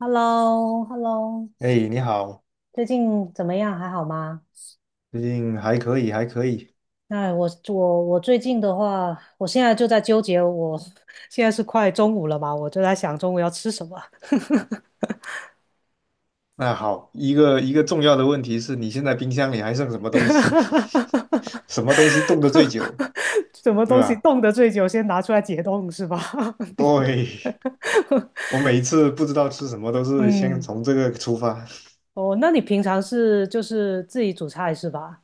h e l l o h e l l o 哎，你好，最近怎么样？还好吗？最近还可以，还可以。那我最近的话，我现在就在纠结我，现在是快中午了嘛，我就在想中午要吃什么，那好，一个重要的问题是你现在冰箱里还剩什么东西？什么东西冻得最久，什么对东西吧？冻得最久，先拿出来解冻是吧？对，我每一次不知道吃什么，都 是先嗯，从这个出发。哦，那你平常是就是自己煮菜是吧？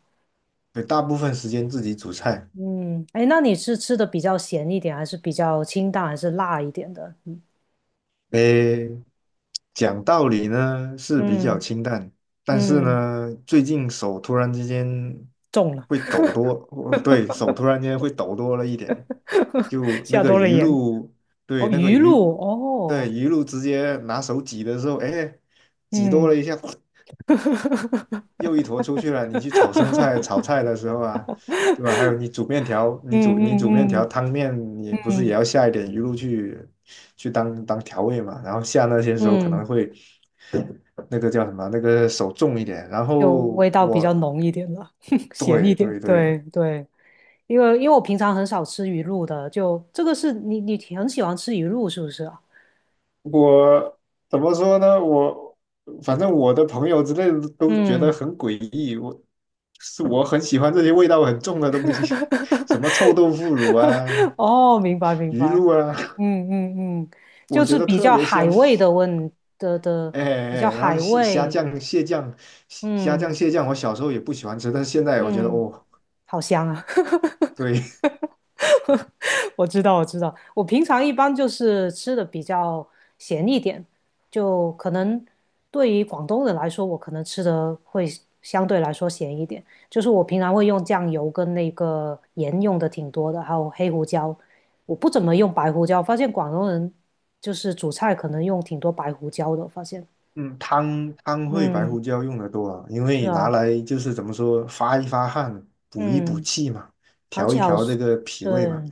对，大部分时间自己煮菜。嗯，哎，那你是吃的比较咸一点，还是比较清淡，还是辣一点的？诶，讲道理呢是比较嗯清淡，但是嗯，呢，最近手突然之间中了。会抖多。哦对，手突然间会抖多了一点，就那下个多了鱼盐。露，对，哦，那个鱼鱼，露，对，哦，鱼露直接拿手挤的时候，哎，挤多了嗯 一下，又一坨出去了。你去炒生菜、炒 菜的时候啊，对吧？还有你煮面条，你煮面嗯条、嗯汤面，你嗯不是也要嗯下一点鱼露去去当调味嘛？然后下那些时候可能嗯，会那个叫什么，那个手重一点。然就后味道比较我浓一点了，咸一对点。对对，对对，因为我平常很少吃鱼露的，就这个是你挺很喜欢吃鱼露是不是啊？我怎么说呢？我反正我的朋友之类的都觉得嗯，很诡异，我很喜欢这些味道很重的东西。什么臭豆 腐乳啊、哦，明白明鱼白，露啊。嗯嗯嗯，我就觉是得比特较别海香。味的问的，哎哎，比哎较然后海蟹虾味，酱、蟹酱、虾酱、嗯蟹酱，我小时候也不喜欢吃，但是现在我觉得嗯，哦，好香啊，对。我知道，我知道，我平常一般就是吃的比较咸一点，就可能对于广东人来说，我可能吃的会相对来说咸一点。就是我平常会用酱油跟那个盐用的挺多的，还有黑胡椒，我不怎么用白胡椒。发现广东人就是煮菜可能用挺多白胡椒的，发现。嗯，汤会白嗯，胡椒用的多啊，因是为拿啊，来就是怎么说发一发汗，补一补嗯。气嘛，而调且一好调这个脾对，胃嘛。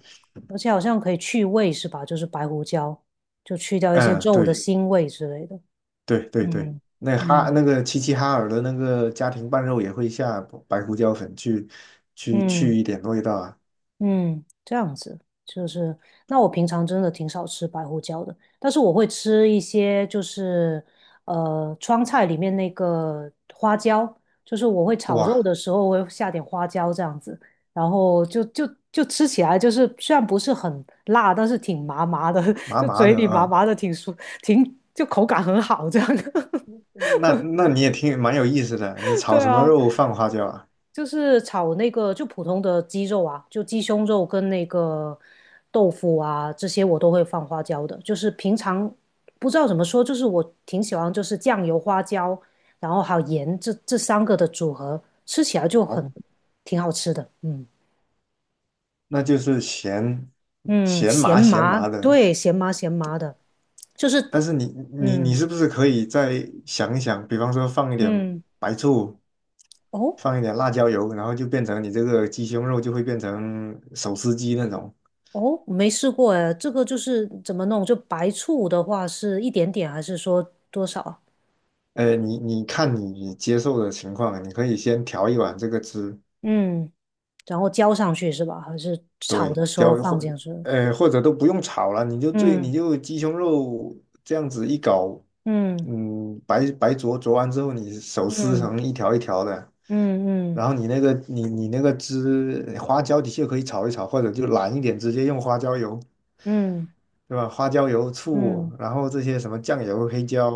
而且好像可以去味是吧？就是白胡椒，就去掉一些嗯，肉的对腥味之类的。对对对，嗯那哈嗯，那个齐齐哈尔的那个家庭拌肉也会下白胡椒粉去去嗯。去一点味道啊。嗯，这样子就是，那我平常真的挺少吃白胡椒的，但是我会吃一些，就是川菜里面那个花椒，就是我会炒肉哇，的时候我会下点花椒这样子，然后就就吃起来就是虽然不是很辣，但是挺麻麻的，麻就麻嘴的里麻啊，麻的，挺舒，挺就口感很好这样。那那你也挺蛮有意思的，你炒对什么啊，肉放花椒啊？就是炒那个就普通的鸡肉啊，就鸡胸肉跟那个豆腐啊，这些我都会放花椒的。就是平常不知道怎么说，就是我挺喜欢就是酱油、花椒，然后还有盐这三个的组合，吃起来就哦，很挺好吃的。嗯那就是咸嗯，咸咸麻咸麻，麻的。对，咸麻咸麻的，就是但是你嗯是不是可以再想一想，比方说放一点嗯白醋，哦放一点辣椒油，然后就变成你这个鸡胸肉就会变成手撕鸡那种。哦，没试过哎，这个就是怎么弄？就白醋的话是一点点还是说多少啊？呃，你看你接受的情况，你可以先调一碗这个汁。嗯。然后浇上去是吧？还是炒对，的时候放进去？呃或者都不用炒了，你就最嗯你就鸡胸肉这样子一搞。嗯嗯，白灼完之后，你手撕嗯成一条一条的，嗯然嗯后你那个汁花椒的确可以炒一炒，或者就懒一点，直接用花椒油。嗯对吧？花椒油、醋，嗯，然后这些什么酱油、黑椒，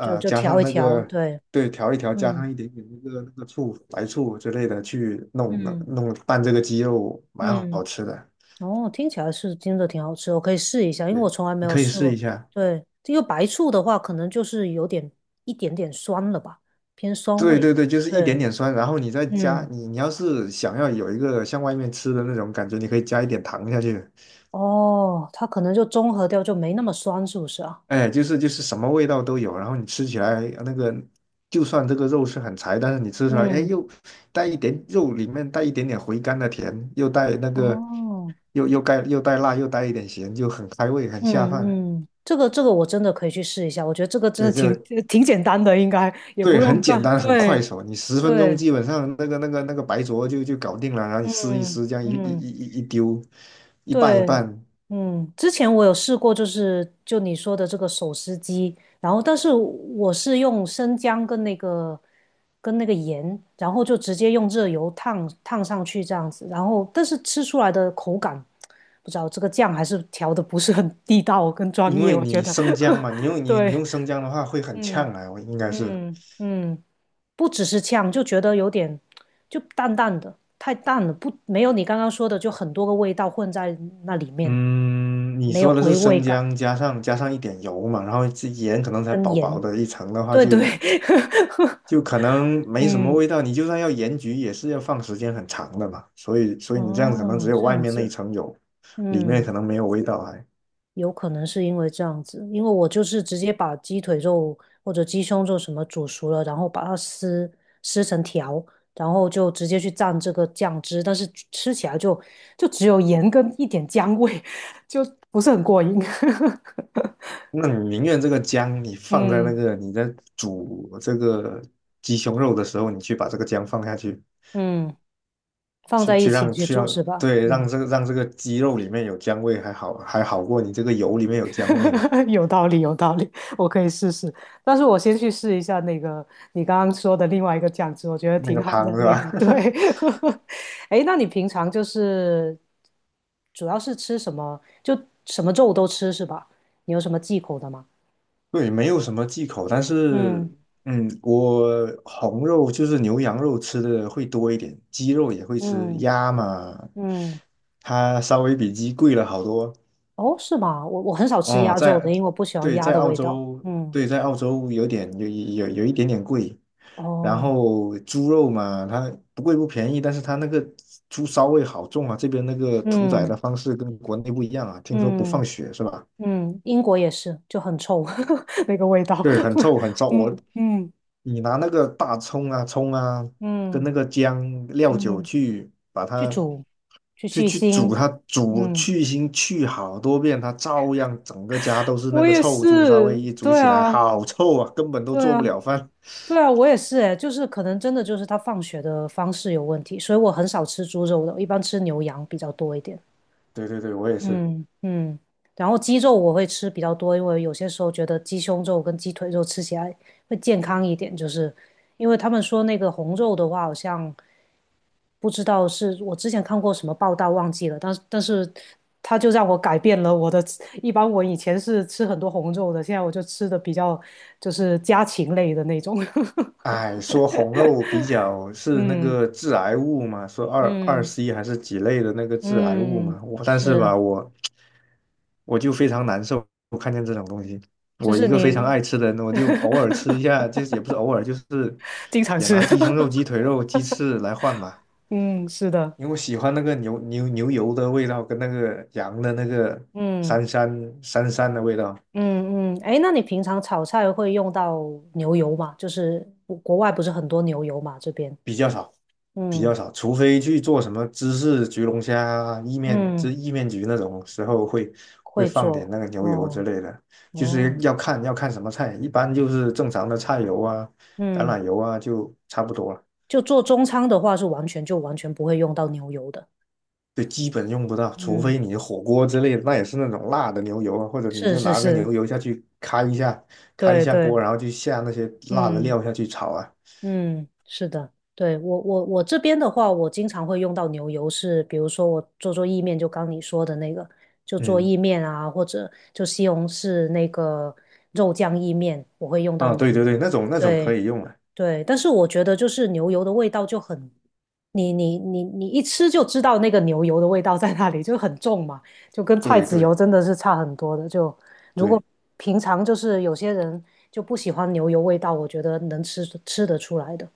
就就加调上一那调，个，对，对，调一调，加嗯上一点点那个醋、白醋之类的去弄的，嗯弄拌这个鸡肉，蛮好嗯，吃的。哦，听起来是真的挺好吃，我可以试一下，因为我对，从来没你有可以试试过。一下。对，这个白醋的话，可能就是有点一点点酸了吧，偏酸对味。对对，就是一点对，点酸，然后你再加，嗯，你你要是想要有一个像外面吃的那种感觉，你可以加一点糖下去。哦，它可能就中和掉，就没那么酸，是不是啊？哎，就是什么味道都有，然后你吃起来那个，就算这个肉是很柴，但是你吃出来，哎，嗯，又带一点肉里面带一点点回甘的甜，又带那个哦。又带辣，又带一点咸，就很开胃，很下饭。嗯嗯，这个我真的可以去试一下，我觉得这个真对，的挺 挺简单的，应该也不用很简干。单，很快对手，你十分钟对，基本上那个白灼就搞定了，然后你撕一嗯撕，这样一一一嗯一一丢，一拌一对，拌。嗯，之前我有试过，就是就你说的这个手撕鸡，然后但是我是用生姜跟那个盐，然后就直接用热油烫烫上去这样子，然后但是吃出来的口感，不知道这个酱还是调的不是很地道跟专因业，为我觉你得，生姜嘛，你用 你你对，用生姜的话会很嗯。呛啊，我应该是。嗯嗯，不只是呛，就觉得有点就淡淡的，太淡了，不，没有你刚刚说的，就很多个味道混在那里面，嗯，你没有说的是回味生感姜加上一点油嘛，然后这盐可能才跟薄薄盐。的一层的话对就，对，就可能没什么嗯，味道。你就算要盐焗，也是要放时间很长的嘛。所以嗯，你这样可能哦，只有这外样面那一子，层有，里面嗯。可能没有味道还。有可能是因为这样子，因为我就是直接把鸡腿肉或者鸡胸肉什么煮熟了，然后把它撕撕成条，然后就直接去蘸这个酱汁，但是吃起来就只有盐跟一点姜味，就不是很过瘾。那你宁愿这个姜你放在那嗯个你在煮这个鸡胸肉的时候，你去把这个姜放下去，嗯，放去在一去起让去去煮是让吧？对让嗯 这个让这个鸡肉里面有姜味，还好过你这个油里面有姜味呢。有道理，有道理，我可以试试。但是我先去试一下那个你刚刚说的另外一个酱汁，我觉得那个挺好的汤是那个。吧？对，哎那你平常就是主要是吃什么？就什么肉都吃是吧？你有什么忌口的吗？对，没有什么忌口，但是，嗯嗯，我红肉就是牛羊肉吃的会多一点，鸡肉也会吃，嗯鸭嘛，嗯，它稍微比鸡贵了好多。哦，是吗？我很少吃哦，鸭肉的，在，因为我不喜欢对，鸭在的澳味道。洲，嗯，对，在澳洲有点有一点点贵。然哦，后猪肉嘛，它不贵不便宜，但是它那个猪骚味好重啊，这边那个屠宰嗯的方式跟国内不一样啊，听说不放嗯血是吧？嗯，英国也是，就很臭 那个味道。对，很臭很 臭，嗯嗯。你拿那个大葱啊、葱啊，跟嗯那个姜、料酒嗯，去把去它煮，去去去煮腥，它，煮嗯，去腥去好多遍，它照样整个家都是那我个也臭猪烧是，味，一煮对起来啊，好臭啊，根本都对做不啊，了饭。对啊，我也是诶，就是可能真的就是他放血的方式有问题，所以我很少吃猪肉的，我一般吃牛羊比较多一点。对对对，我也是。嗯嗯，然后鸡肉我会吃比较多，因为有些时候觉得鸡胸肉跟鸡腿肉吃起来会健康一点，就是因为他们说那个红肉的话，好像不知道是我之前看过什么报道忘记了，但是它就让我改变了我的，一般我以前是吃很多红肉的，现在我就吃的比较就是家禽类的那种，哎，说红肉比较 是那嗯个致癌物嘛，说二 嗯 C 还是几类的那个致癌物嗯，嘛，我但是是，吧，我我就非常难受，我看见这种东西，就我是一个非常你 爱吃的人，我就偶尔吃一下，就是也不是偶尔，就是经常也吃，拿鸡胸肉、鸡腿肉、鸡翅来换吧，嗯，是的。因为我喜欢那个牛油的味道跟那个羊的那个嗯膻膻膻的味道。嗯嗯，哎，那你平常炒菜会用到牛油吗？就是国外不是很多牛油嘛，这边，比较少，比较嗯少，除非去做什么芝士焗龙虾啊、意面、这嗯，意面焗那种时候会会放点做，那个牛油之哦类的，就是哦，要看什么菜，一般就是正常的菜油啊、橄嗯，榄油啊就差不多了，就做中餐的话是完全就完全不会用到牛油的，就基本用不到，除嗯，非你火锅之类的，那也是那种辣的牛油啊，或者你是就是拿个是，牛油下去开一下，开一对下锅，对，然后就下那些辣的嗯。料下去炒啊。嗯，是的，对，我这边的话，我经常会用到牛油是，比如说我做做意面，就刚你说的那个，就做嗯，意面啊，或者就西红柿那个肉酱意面，我会用到啊，对牛对对，油。那种那种可对以用了，对，但是我觉得就是牛油的味道就很，你一吃就知道那个牛油的味道在那里，就很重嘛，就跟菜对籽油对真的是差很多的。就如果对。平常就是有些人就不喜欢牛油味道，我觉得能吃吃得出来的。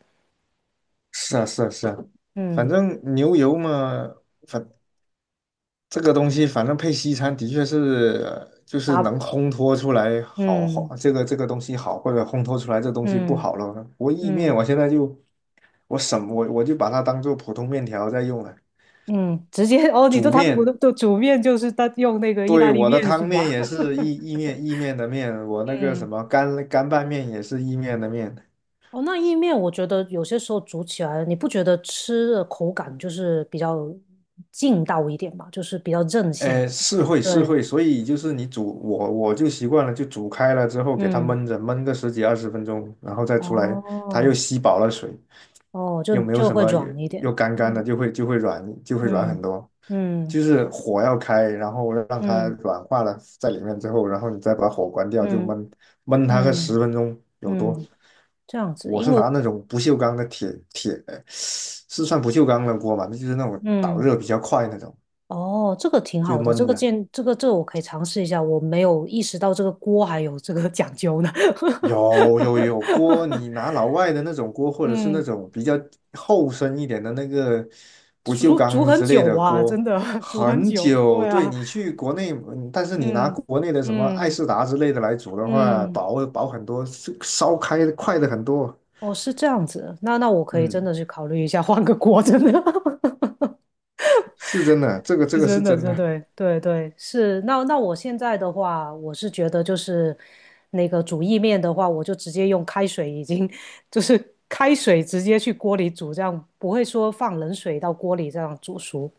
是啊，是啊，是啊，反嗯正牛油嘛，反这个东西，反正配西餐的确是，呃就是能打烘托出来好，嗯好这个东西好，或者烘托出来这东西不嗯好了。我意面，嗯我什么我我就把它当做普通面条在用了。嗯，直接哦，你说煮他们不面，都煮面就是他用那个意大对，利我的面是汤面吧？也 是意面的面，我那个什嗯，么干拌面也是意面的面。哦，那意面我觉得有些时候煮起来，你不觉得吃的口感就是比较劲道一点嘛，就是比较韧性。呃，是对，会，所以就是你煮，我就习惯了，就煮开了之后给它嗯，焖着，焖个10几20分钟，然后再出来，它又哦，吸饱了水，哦，就又没有就什会么，又软一点。又干的，嗯就会软，就会软很嗯多。嗯就是火要开，然后让它嗯软化了在里面之后，然后你再把火关掉，就嗯焖它个十嗯分钟有多。嗯，这样子，我因是为拿我那种不锈钢的，是算不锈钢的锅嘛？那就是那种导嗯热比较快那种，哦，这个挺就好的，这焖个着。建，这个我可以尝试一下，我没有意识到这个锅还有这个讲究呢。有 锅，你拿老外的那种锅，或者是那嗯，种比较厚身一点的那个这不锈煮煮钢很之类久的啊，真锅，的 煮很很久。久。对对啊，你去国内，嗯但是你拿嗯国内的什么爱嗯仕达之类的来煮的话，嗯，薄薄很多，是烧开的快的很多。哦，是这样子，那那我可以真嗯，的去考虑一下换个锅，真的。是真的，这个这是个真是的，真这的，对对对是。那那我现在的话，我是觉得就是那个煮意面的话，我就直接用开水，已经 就是开水直接去锅里煮，这样不会说放冷水到锅里这样煮熟。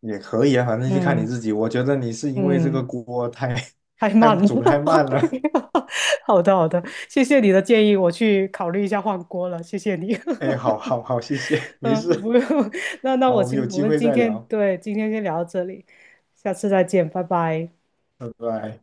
也可以啊，反正就看你嗯自己。我觉得你是因为这个嗯，锅太 太 太慢了。煮的太慢了。好的好的，谢谢你的建议，我去考虑一下换锅了，谢谢你。哎，好好好，谢谢，没嗯，不事。用。那好，我们有我机们会今再天聊，今天先聊到这里，下次再见，拜拜。拜拜。